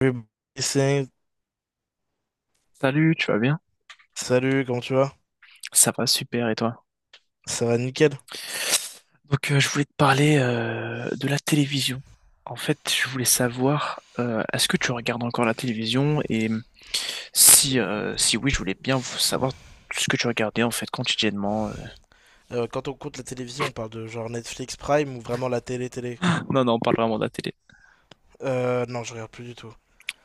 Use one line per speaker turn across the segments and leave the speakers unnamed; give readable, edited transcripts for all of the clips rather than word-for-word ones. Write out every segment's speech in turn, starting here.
Oui, c'est-
Salut, tu vas bien?
Salut, comment tu vas?
Ça va, super, et toi?
Ça va nickel.
Donc, je voulais te parler de la télévision. En fait, je voulais savoir, est-ce que tu regardes encore la télévision? Et si, si oui, je voulais bien vous savoir ce que tu regardais en fait quotidiennement.
Quand on compte la télévision, on parle de genre Netflix Prime ou vraiment la télé-télé?
Non, on parle vraiment de la télé.
Non, je regarde plus du tout.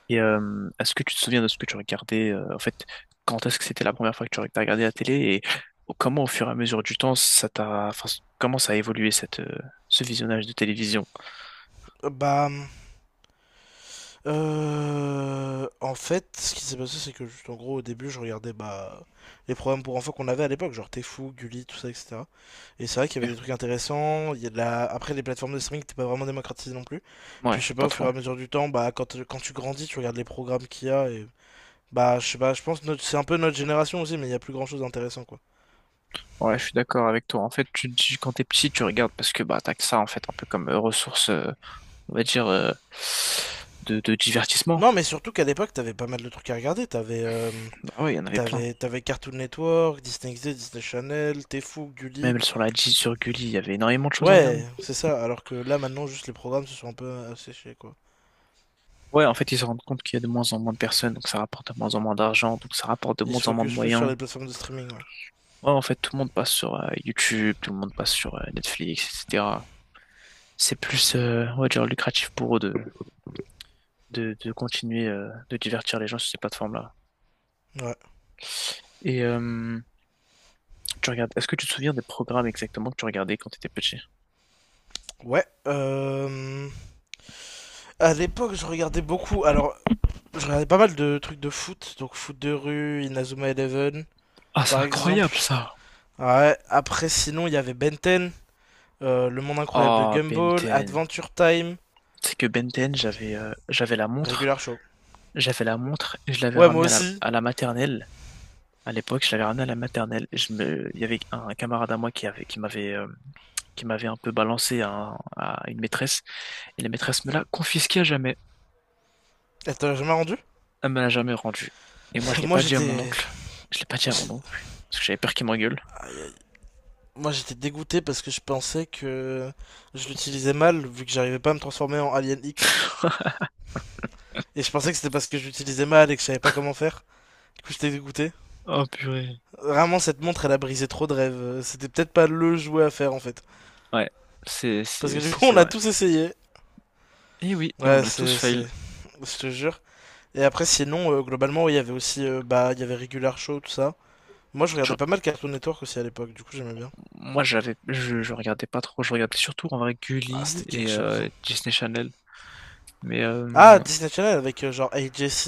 Et est-ce que tu te souviens de ce que tu regardais en fait? Quand est-ce que c'était la première fois que tu as regardé la télé et comment, au fur et à mesure du temps, comment ça a évolué ce visionnage de télévision?
Euh, Bah, En fait, ce qui s'est passé, c'est que juste en gros, au début, je regardais bah les programmes pour enfants qu'on avait à l'époque, genre T'es fou, Gulli, tout ça, etc. Et c'est vrai qu'il y avait des trucs intéressants. Il y a de la... Après, les plateformes de streaming n'étaient pas vraiment démocratisées non plus. Puis
Ouais,
je sais pas,
pas
au fur
trop.
et à mesure du temps, bah quand tu grandis, tu regardes les programmes qu'il y a et bah, je sais pas, je pense que c'est un peu notre génération aussi, mais il y a plus grand chose d'intéressant quoi.
Ouais, je suis d'accord avec toi. En fait, tu te dis quand t'es petit, tu regardes parce que bah t'as que ça en fait, un peu comme ressource, on va dire, de divertissement.
Non, mais surtout qu'à l'époque, t'avais pas mal de trucs à regarder. T'avais euh,
Bah ouais, il y en avait plein.
t'avais, t'avais Cartoon Network, Disney XD, Disney Channel, Tfou, Gulli.
Même sur la G, sur Gulli, il y avait énormément de choses à regarder.
Ouais, c'est ça. Alors que là, maintenant, juste les programmes se sont un peu asséchés quoi.
Ouais, en fait, ils se rendent compte qu'il y a de moins en moins de personnes, donc ça rapporte de moins en moins d'argent, donc ça rapporte de
Ils
moins
se
en moins de
focus plus sur
moyens.
les plateformes de streaming, ouais.
Ouais, en fait, tout le monde passe sur YouTube, tout le monde passe sur Netflix, etc. C'est plus, on va dire, lucratif pour eux de continuer de divertir les gens sur ces plateformes-là.
Ouais.
Et tu regardes, est-ce que tu te souviens des programmes exactement que tu regardais quand tu étais petit?
Ouais. À l'époque, je regardais beaucoup. Alors, je regardais pas mal de trucs de foot. Donc, foot de rue, Inazuma Eleven,
Ah, c'est
par exemple.
incroyable ça.
Ouais. Après, sinon, il y avait Benten. Le Monde Incroyable de
Oh, Ben
Gumball,
10.
Adventure Time,
C'est que Ben 10,
Regular Show.
j'avais la montre et je l'avais
Ouais, moi
ramenée à la,
aussi.
à la maternelle. À l'époque, je l'avais ramenée à la maternelle. Et il y avait un, camarade à moi qui avait, qui m'avait un peu balancé à, à une maîtresse et la maîtresse me l'a confisqué à jamais.
Attends, j'ai jamais rendu?
Elle me l'a jamais rendu. Et moi, je l'ai
Moi,
pas dit à mon oncle. Je l'ai pas dit à mon
j'ai-
oncle parce que j'avais peur qu'il m'engueule.
Moi, j'étais dégoûté parce que je pensais que je l'utilisais mal, vu que j'arrivais pas à me transformer en Alien X. Et je pensais que c'était parce que je l'utilisais mal et que je savais pas comment faire. Du coup, j'étais dégoûté.
Oh purée.
Vraiment, cette montre, elle a brisé trop de rêves. C'était peut-être pas le jouet à faire, en fait.
Ouais, c'est
Parce
c'est
que du
c'est
coup,
c'est
on a
vrai.
tous essayé.
Et oui, et on
Ouais,
a tous fail.
Je te jure. Et après, sinon, globalement, ouais, il y avait aussi... bah, il y avait Regular Show, tout ça. Moi, je regardais
Tu-
pas mal Cartoon Network aussi à l'époque, du coup, j'aimais bien.
Moi, je regardais pas trop, je regardais surtout en vrai
Ah,
Gulli
c'était quelque
et
chose, hein.
Disney Channel. Mais
Ah,
euh,
Disney Channel avec genre Hey Jesse,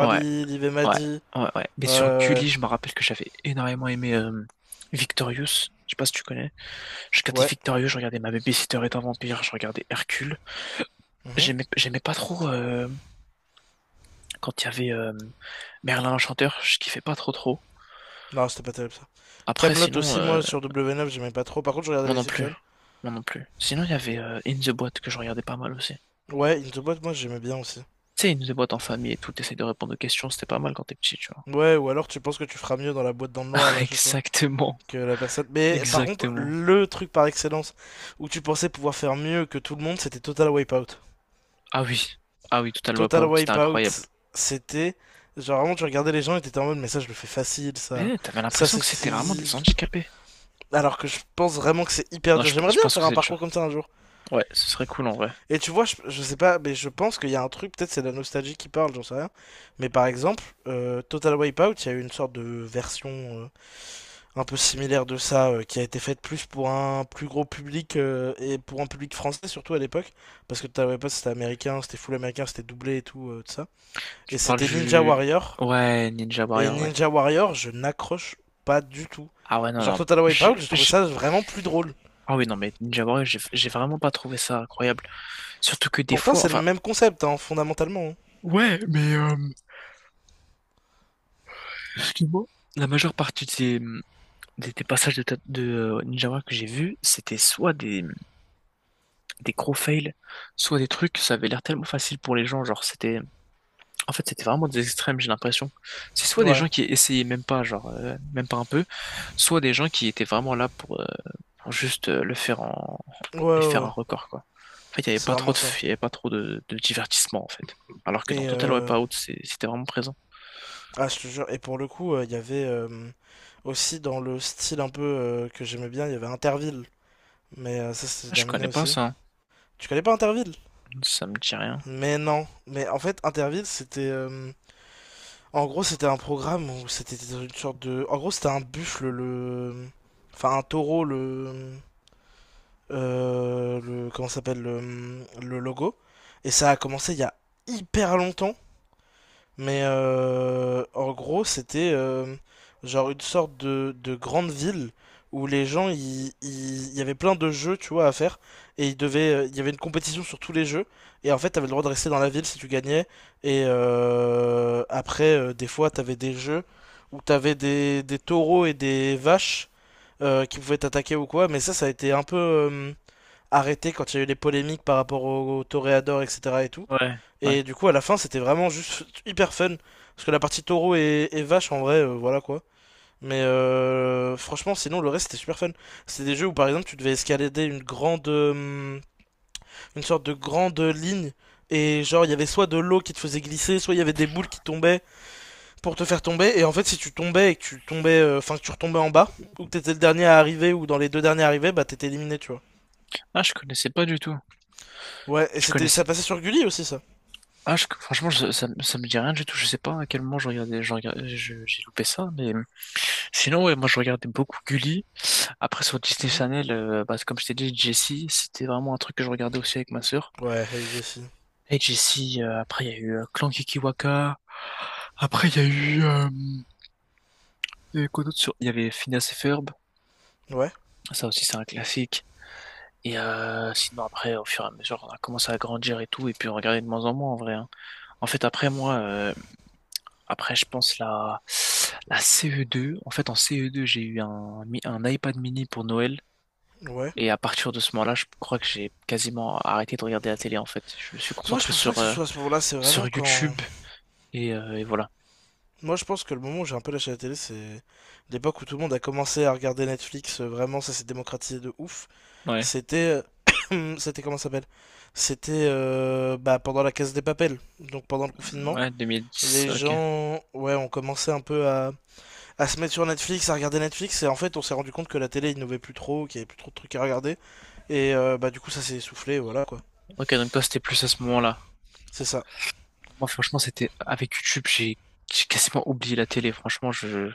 ouais,
Liv et
ouais,
Maddie.
ouais. Mais
Ouais,
sur
ouais,
Gulli, je me rappelle que j'avais énormément aimé Victorious. Je sais pas si tu connais. Je
ouais.
regardais
Ouais.
Victorious, je regardais Ma Babysitter est un vampire, je regardais Hercule.
Mhm.
J'aimais pas trop quand il y avait Merlin l'Enchanteur, je kiffais pas trop.
Non, c'était pas terrible ça.
Après,
Camelot
sinon,
aussi, moi, sur W9, j'aimais pas trop. Par contre, je regardais
moi
les
non plus,
Simpsons.
moi non plus. Sinon, il y avait In the Boîte que je regardais pas mal aussi.
Ouais, Into Boîte, moi, j'aimais bien aussi.
Tu sais, ils nous déboîtent en famille et tout, t'essayes de répondre aux questions, c'était pas mal quand t'es petit, tu vois.
Ouais, ou alors tu penses que tu feras mieux dans la boîte dans le noir, là, à chaque fois,
Exactement,
que la personne. Mais par contre,
exactement.
le truc par excellence où tu pensais pouvoir faire mieux que tout le monde, c'était Total Wipeout.
Ah oui, ah oui, Total
Total
Wipeout, c'était incroyable.
Wipeout, c'était. Genre, vraiment, tu regardais les gens et t'étais en mode, mais ça, je le fais facile, ça.
Mais t'avais
Ça,
l'impression
c'est
que
c'est
c'était vraiment
easy.
des handicapés.
Alors que je pense vraiment que c'est hyper
Non,
dur. J'aimerais
je
bien
pense que
faire un
c'est
parcours
dur.
comme ça un jour.
Ouais, ce serait cool en vrai.
Et tu vois, je sais pas, mais je pense qu'il y a un truc, peut-être c'est la nostalgie qui parle, j'en sais rien. Mais par exemple, Total Wipeout, il y a eu une sorte de version un peu similaire de ça qui a été faite plus pour un plus gros public et pour un public français surtout à l'époque. Parce que Total Wipeout, c'était américain, c'était full américain, c'était doublé et tout, tout ça. Et
Tu parles
c'était Ninja
du...
Warrior.
Ouais, Ninja
Et
Warrior, ouais.
Ninja Warrior, je n'accroche pas du tout.
Ah ouais, non,
Genre
non.
Total Wipeout,
j'ai-
j'ai trouvé
j'ai-
ça vraiment plus drôle.
Ah oui, non, mais Ninja Warrior, j'ai vraiment pas trouvé ça incroyable. Surtout que des
Pourtant,
fois,
c'est le
enfin...
même concept, hein, fondamentalement, hein.
Ouais, mais excuse-moi. La majeure partie des passages de Ninja Warrior que j'ai vus, c'était soit des gros fails, soit des trucs, ça avait l'air tellement facile pour les gens, en fait c'était vraiment des extrêmes, j'ai l'impression. C'est soit des
Ouais,
gens qui essayaient même pas, même pas un peu, soit des gens qui étaient vraiment là pour juste le faire en
ouais, ouais,
et faire
ouais.
un record quoi. En fait,
C'est vraiment ça.
il y avait pas trop de divertissement en fait. Alors que dans
Et
Total
euh,
Wipeout, c'était vraiment présent.
ah, je te jure. Et pour le coup, il y avait aussi dans le style un peu que j'aimais bien, il y avait Interville. Ça, c'était
Ah, je
terminé
connais pas
aussi.
ça, hein.
Tu connais pas Interville?
Ça me dit rien.
Mais non. Mais en fait, Interville, c'était en gros, c'était un programme où c'était une sorte de. En gros, c'était un buffle, le. Enfin, un taureau, le. Le comment s'appelle le logo et ça a commencé il y a hyper longtemps en gros c'était genre une sorte de grande ville où les gens il y avait plein de jeux tu vois à faire et ils devaient il y avait une compétition sur tous les jeux et en fait t'avais le droit de rester dans la ville si tu gagnais et après des fois t'avais des jeux où t'avais des taureaux et des vaches qui pouvaient t'attaquer ou quoi mais ça a été un peu arrêté quand il y a eu les polémiques par rapport au, au toréador, etc. et tout.
Ouais, ouais.
Et du coup, à la fin, c'était vraiment juste hyper fun. Parce que la partie taureau et vache, en vrai, voilà quoi. Franchement, sinon, le reste, c'était super fun. C'est des jeux où, par exemple, tu devais escalader une grande. Une sorte de grande ligne. Et genre, il y avait soit de l'eau qui te faisait glisser, soit il y avait des boules qui tombaient pour te faire tomber. Et en fait, si tu tombais et que tu tombais. Enfin, que tu retombais en bas, ou que t'étais le dernier à arriver, ou dans les deux derniers arrivés, bah t'étais éliminé, tu vois.
Ah, je connaissais pas du tout.
Ouais, et
Je
c'était, ça
connaissais.
passait sur Gulli aussi, ça.
Ah, franchement, ça me dit rien du tout. Je sais pas à quel moment je regardais, j'ai loupé ça, mais sinon, ouais, moi, je regardais beaucoup Gulli. Après, sur Disney
Mhm.
Channel, bah, comme je t'ai dit, Jessie, c'était vraiment un truc que je regardais aussi avec ma sœur.
Ouais, Hey Jessie.
Et Jessie, après, il y a eu Clan Kikiwaka. Après, il y a eu, il y avait quoi d'autre sur, il y avait Phineas et Ferb.
Ouais,
Ça aussi, c'est un classique. Et sinon, après, au fur et à mesure, on a commencé à grandir et tout, et puis on regardait de moins en moins, en vrai. Hein. En fait, après, moi, Après, je pense la CE2. En fait, en CE2, j'ai eu un iPad mini pour Noël.
ouais.
Et à partir de ce moment-là, je crois que j'ai quasiment arrêté de regarder la télé, en fait. Je me suis
Moi, je
concentré
pense pas
sur,
que ce soit à ce moment-là, c'est vraiment
sur
quand...
YouTube et voilà.
Moi, je pense que le moment où j'ai un peu lâché la télé, c'est l'époque où tout le monde a commencé à regarder Netflix, vraiment, ça s'est démocratisé de ouf.
Ouais,
C'était... C'était comment ça s'appelle? Pendant la Casa des Papel, donc pendant le confinement.
ouais, 2010,
Les
ok.
gens, ouais, ont commencé un peu à se mettre sur Netflix, à regarder Netflix, et en fait, on s'est rendu compte que la télé innovait plus trop, qu'il y avait plus trop de trucs à regarder, et bah, du coup, ça s'est essoufflé, voilà quoi.
Ok, donc toi, c'était plus à ce moment-là.
C'est ça.
Moi, franchement, c'était avec YouTube, j'ai quasiment oublié la télé.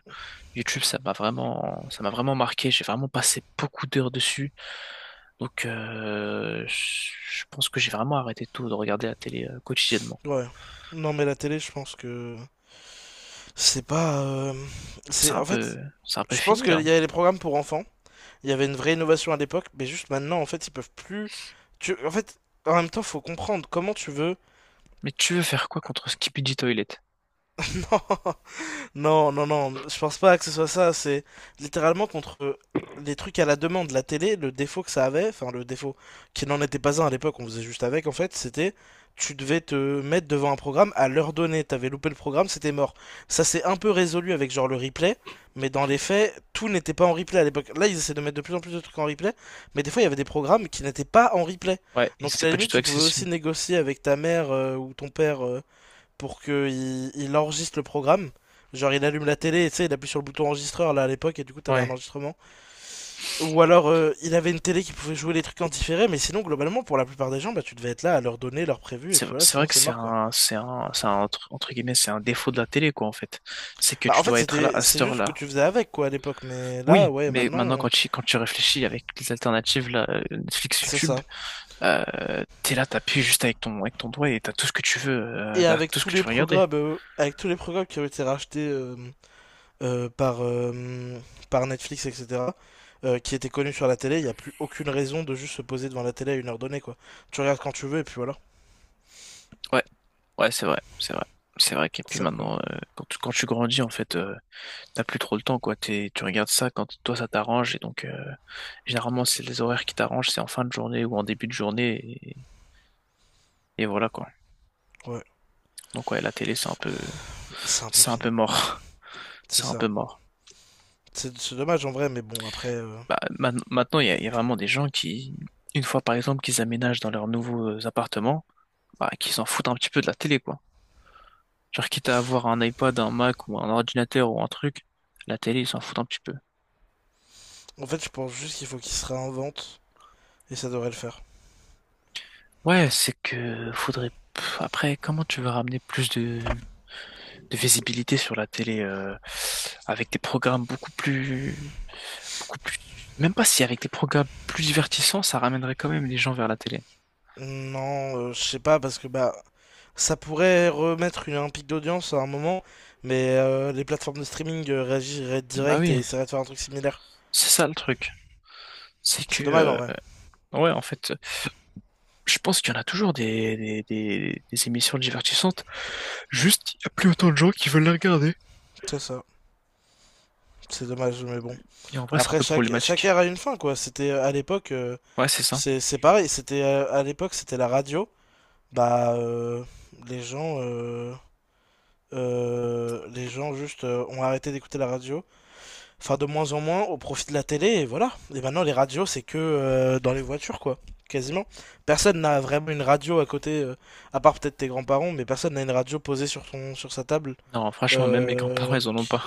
YouTube, ça m'a vraiment marqué. J'ai vraiment passé beaucoup d'heures dessus. Donc, je pense que j'ai vraiment arrêté tout de regarder la télé quotidiennement.
Ouais. Non, mais la télé, je pense que c'est pas.
C'est
C'est
un
en
peu,
fait,
c'est un peu
je pense
fini là.
qu'il
Hein.
y avait les programmes pour enfants. Il y avait une vraie innovation à l'époque, mais juste maintenant, en fait, ils peuvent plus. En fait, en même temps, faut comprendre comment tu veux.
Mais tu veux faire quoi contre Skibidi Toilet?
Non. Non, non, non, je pense pas que ce soit ça. C'est littéralement contre des trucs à la demande. La télé, le défaut que ça avait, enfin le défaut qui n'en était pas un à l'époque, on faisait juste avec en fait, c'était tu devais te mettre devant un programme à l'heure donnée. T'avais loupé le programme, c'était mort. Ça s'est un peu résolu avec genre le replay, mais dans les faits, tout n'était pas en replay à l'époque. Là, ils essaient de mettre de plus en plus de trucs en replay, mais des fois, il y avait des programmes qui n'étaient pas en replay.
Ouais, il
Donc à
c'est
la
pas du
limite,
tout
tu pouvais aussi
accessible.
négocier avec ta mère ou ton père pour qu'il il enregistre le programme. Genre il allume la télé et tu sais, il appuie sur le bouton enregistreur là à l'époque et du coup t'avais un
Ouais.
enregistrement. Ou alors il avait une télé qui pouvait jouer les trucs en différé, mais sinon globalement pour la plupart des gens bah tu devais être là à leur donner leur prévu et
C'est
puis voilà
c'est vrai
sinon
que
c'est
c'est
mort quoi.
un, entre guillemets, c'est un défaut de la télé, quoi, en fait. C'est que
Bah
tu
en fait
dois être là
c'était
à cette
c'est juste ce que
heure-là.
tu faisais avec quoi à l'époque mais là
Oui,
ouais
mais
maintenant
maintenant, quand
on-
tu, quand tu réfléchis avec les alternatives, là, Netflix,
c'est
YouTube,
ça.
Euh, t'es là, t'appuies juste avec ton doigt et t'as tout ce que tu veux,
Et
t'as
avec
tout ce
tous
que tu
les
veux regarder.
programmes avec tous les programmes qui ont été rachetés euh, par, euh, par Netflix, etc., qui étaient connus sur la télé, il n'y a plus aucune raison de juste se poser devant la télé à une heure donnée, quoi. Tu regardes quand tu veux, et puis voilà.
Ouais, ouais, c'est vrai. C'est vrai qu'et
C'est
puis
ça le problème.
maintenant, quand tu grandis, en fait, t'as plus trop le temps, quoi. Tu regardes ça quand toi, ça t'arrange. Et donc, généralement, c'est les horaires qui t'arrangent, c'est en fin de journée ou en début de journée. Et voilà, quoi.
Ouais,
Donc, ouais, la télé, c'est un peu,
c'est un peu
c'est un peu
fini.
mort.
C'est
C'est un
ça.
peu mort.
C'est dommage en vrai, mais bon, après...
Bah, maintenant, il y a vraiment des gens qui, une fois par exemple qu'ils aménagent dans leurs nouveaux appartements, bah, qui s'en foutent un petit peu de la télé, quoi. Genre, quitte à avoir un iPad, un Mac ou un ordinateur ou un truc, la télé, ils s'en foutent un petit peu.
En fait, je pense juste qu'il faut qu'il se réinvente, et ça devrait le faire.
Ouais, c'est que faudrait. Pff, après, comment tu vas ramener plus de visibilité sur la télé avec des programmes beaucoup plus, beaucoup plus. Même pas si avec des programmes plus divertissants, ça ramènerait quand même les gens vers la télé.
Non, je sais pas, parce que bah... Ça pourrait remettre une, un pic d'audience à un moment, mais les plateformes de streaming réagiraient
Bah
direct et
oui,
essaieraient de faire un truc similaire.
c'est ça le truc. C'est
C'est
que,
dommage en vrai.
ouais, en fait. Je pense qu'il y en a toujours des émissions divertissantes. Juste, il n'y a plus autant de gens qui veulent les regarder.
C'est ça. C'est dommage, mais bon.
Et en vrai, c'est un
Après,
peu
chaque
problématique.
ère a une fin, quoi.
Ouais, c'est ça.
C'est pareil. C'était À l'époque, c'était la radio. Bah, euh, les gens, euh, les gens juste ont arrêté d'écouter la radio. Enfin, de moins en moins, au profit de la télé, et voilà. Et maintenant, les radios, c'est que dans les voitures, quoi. Quasiment. Personne n'a vraiment une radio à côté, à part peut-être tes grands-parents, mais personne n'a une radio posée sur son, sur sa table,
Non, franchement, même mes grands-parents,
euh,
ils en ont pas.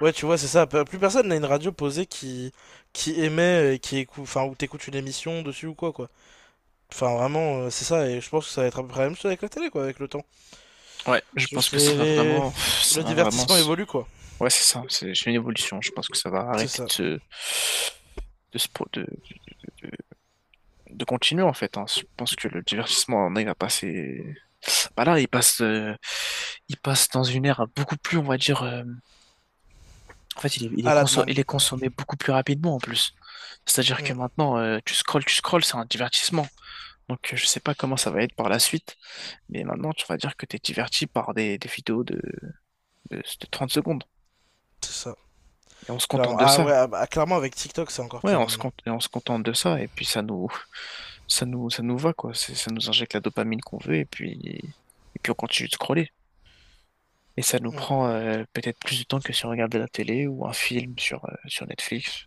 ouais, tu vois, c'est ça. Plus personne n'a une radio posée qui émet, et qui écoute, enfin, où t'écoutes une émission dessus ou quoi, quoi. Enfin, vraiment, c'est ça, et je pense que ça va être à peu près la même chose avec la télé, quoi, avec le temps.
Ouais, je
C'est
pense
juste
que ça va
les-
vraiment, ça
le
va vraiment.
divertissement
se-
évolue, quoi.
Ouais, c'est ça. C'est une évolution. Je pense que ça va
C'est
arrêter
ça.
de se pro- de, de- de continuer en fait. Hein. Je pense que le divertissement, on il va passer. Bah là, il passe dans une ère beaucoup plus, on va dire. En fait,
À la demande.
il est consommé beaucoup plus rapidement en plus. C'est-à-dire que
Mm,
maintenant, tu scrolles, c'est un divertissement. Donc, je sais pas comment ça va être par la suite, mais maintenant, tu vas dire que tu es diverti par des vidéos de 30 secondes.
c'est ça.
Et on se
Clairement.
contente de
Ah ouais,
ça.
ah bah, clairement, avec TikTok, c'est encore
Ouais,
pire maintenant.
on se contente de ça, et puis ça nous va, quoi. Ça nous injecte la dopamine qu'on veut, et puis on continue de scroller. Et ça nous
Mm,
prend peut-être plus de temps que si on regardait la télé ou un film sur, sur Netflix.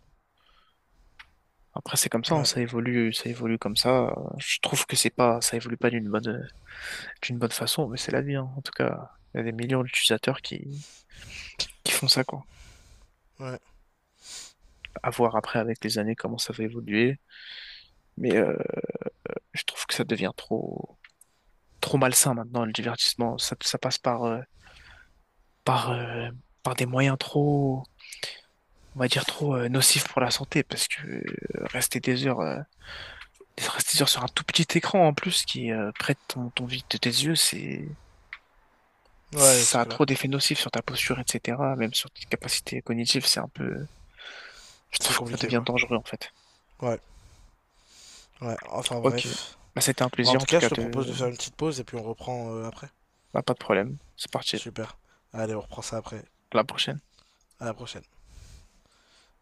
Après, c'est comme ça, hein,
ouais,
ça évolue comme ça. Je trouve que c'est pas, ça évolue pas d'une bonne façon, mais c'est la vie, hein. En tout cas, il y a des millions d'utilisateurs qui font ça, quoi.
ouais.
À voir après avec les années comment ça va évoluer. Mais je trouve que ça devient trop malsain maintenant, le divertissement. Ça passe par, par, euh, par des moyens trop, on va dire trop nocifs pour la santé, parce que rester des heures, euh, rester des heures sur un tout petit écran en plus qui prête ton vide de tes yeux, c'est
Ouais, c'est
ça a
clair.
trop d'effets nocifs sur ta posture, etc., même sur tes capacités cognitives, c'est un peu... Je
C'est
trouve que ça
compliqué,
devient
quoi.
dangereux, en fait.
Ouais, ouais. Enfin,
Ok.
bref.
Bah, c'était un
Bon, en
plaisir, en
tout
tout
cas, je
cas,
te propose
de...
de faire une petite pause et puis on reprend après.
Bah, pas de problème. C'est parti.
Super. Allez, on reprend ça après.
À la prochaine.
À la prochaine.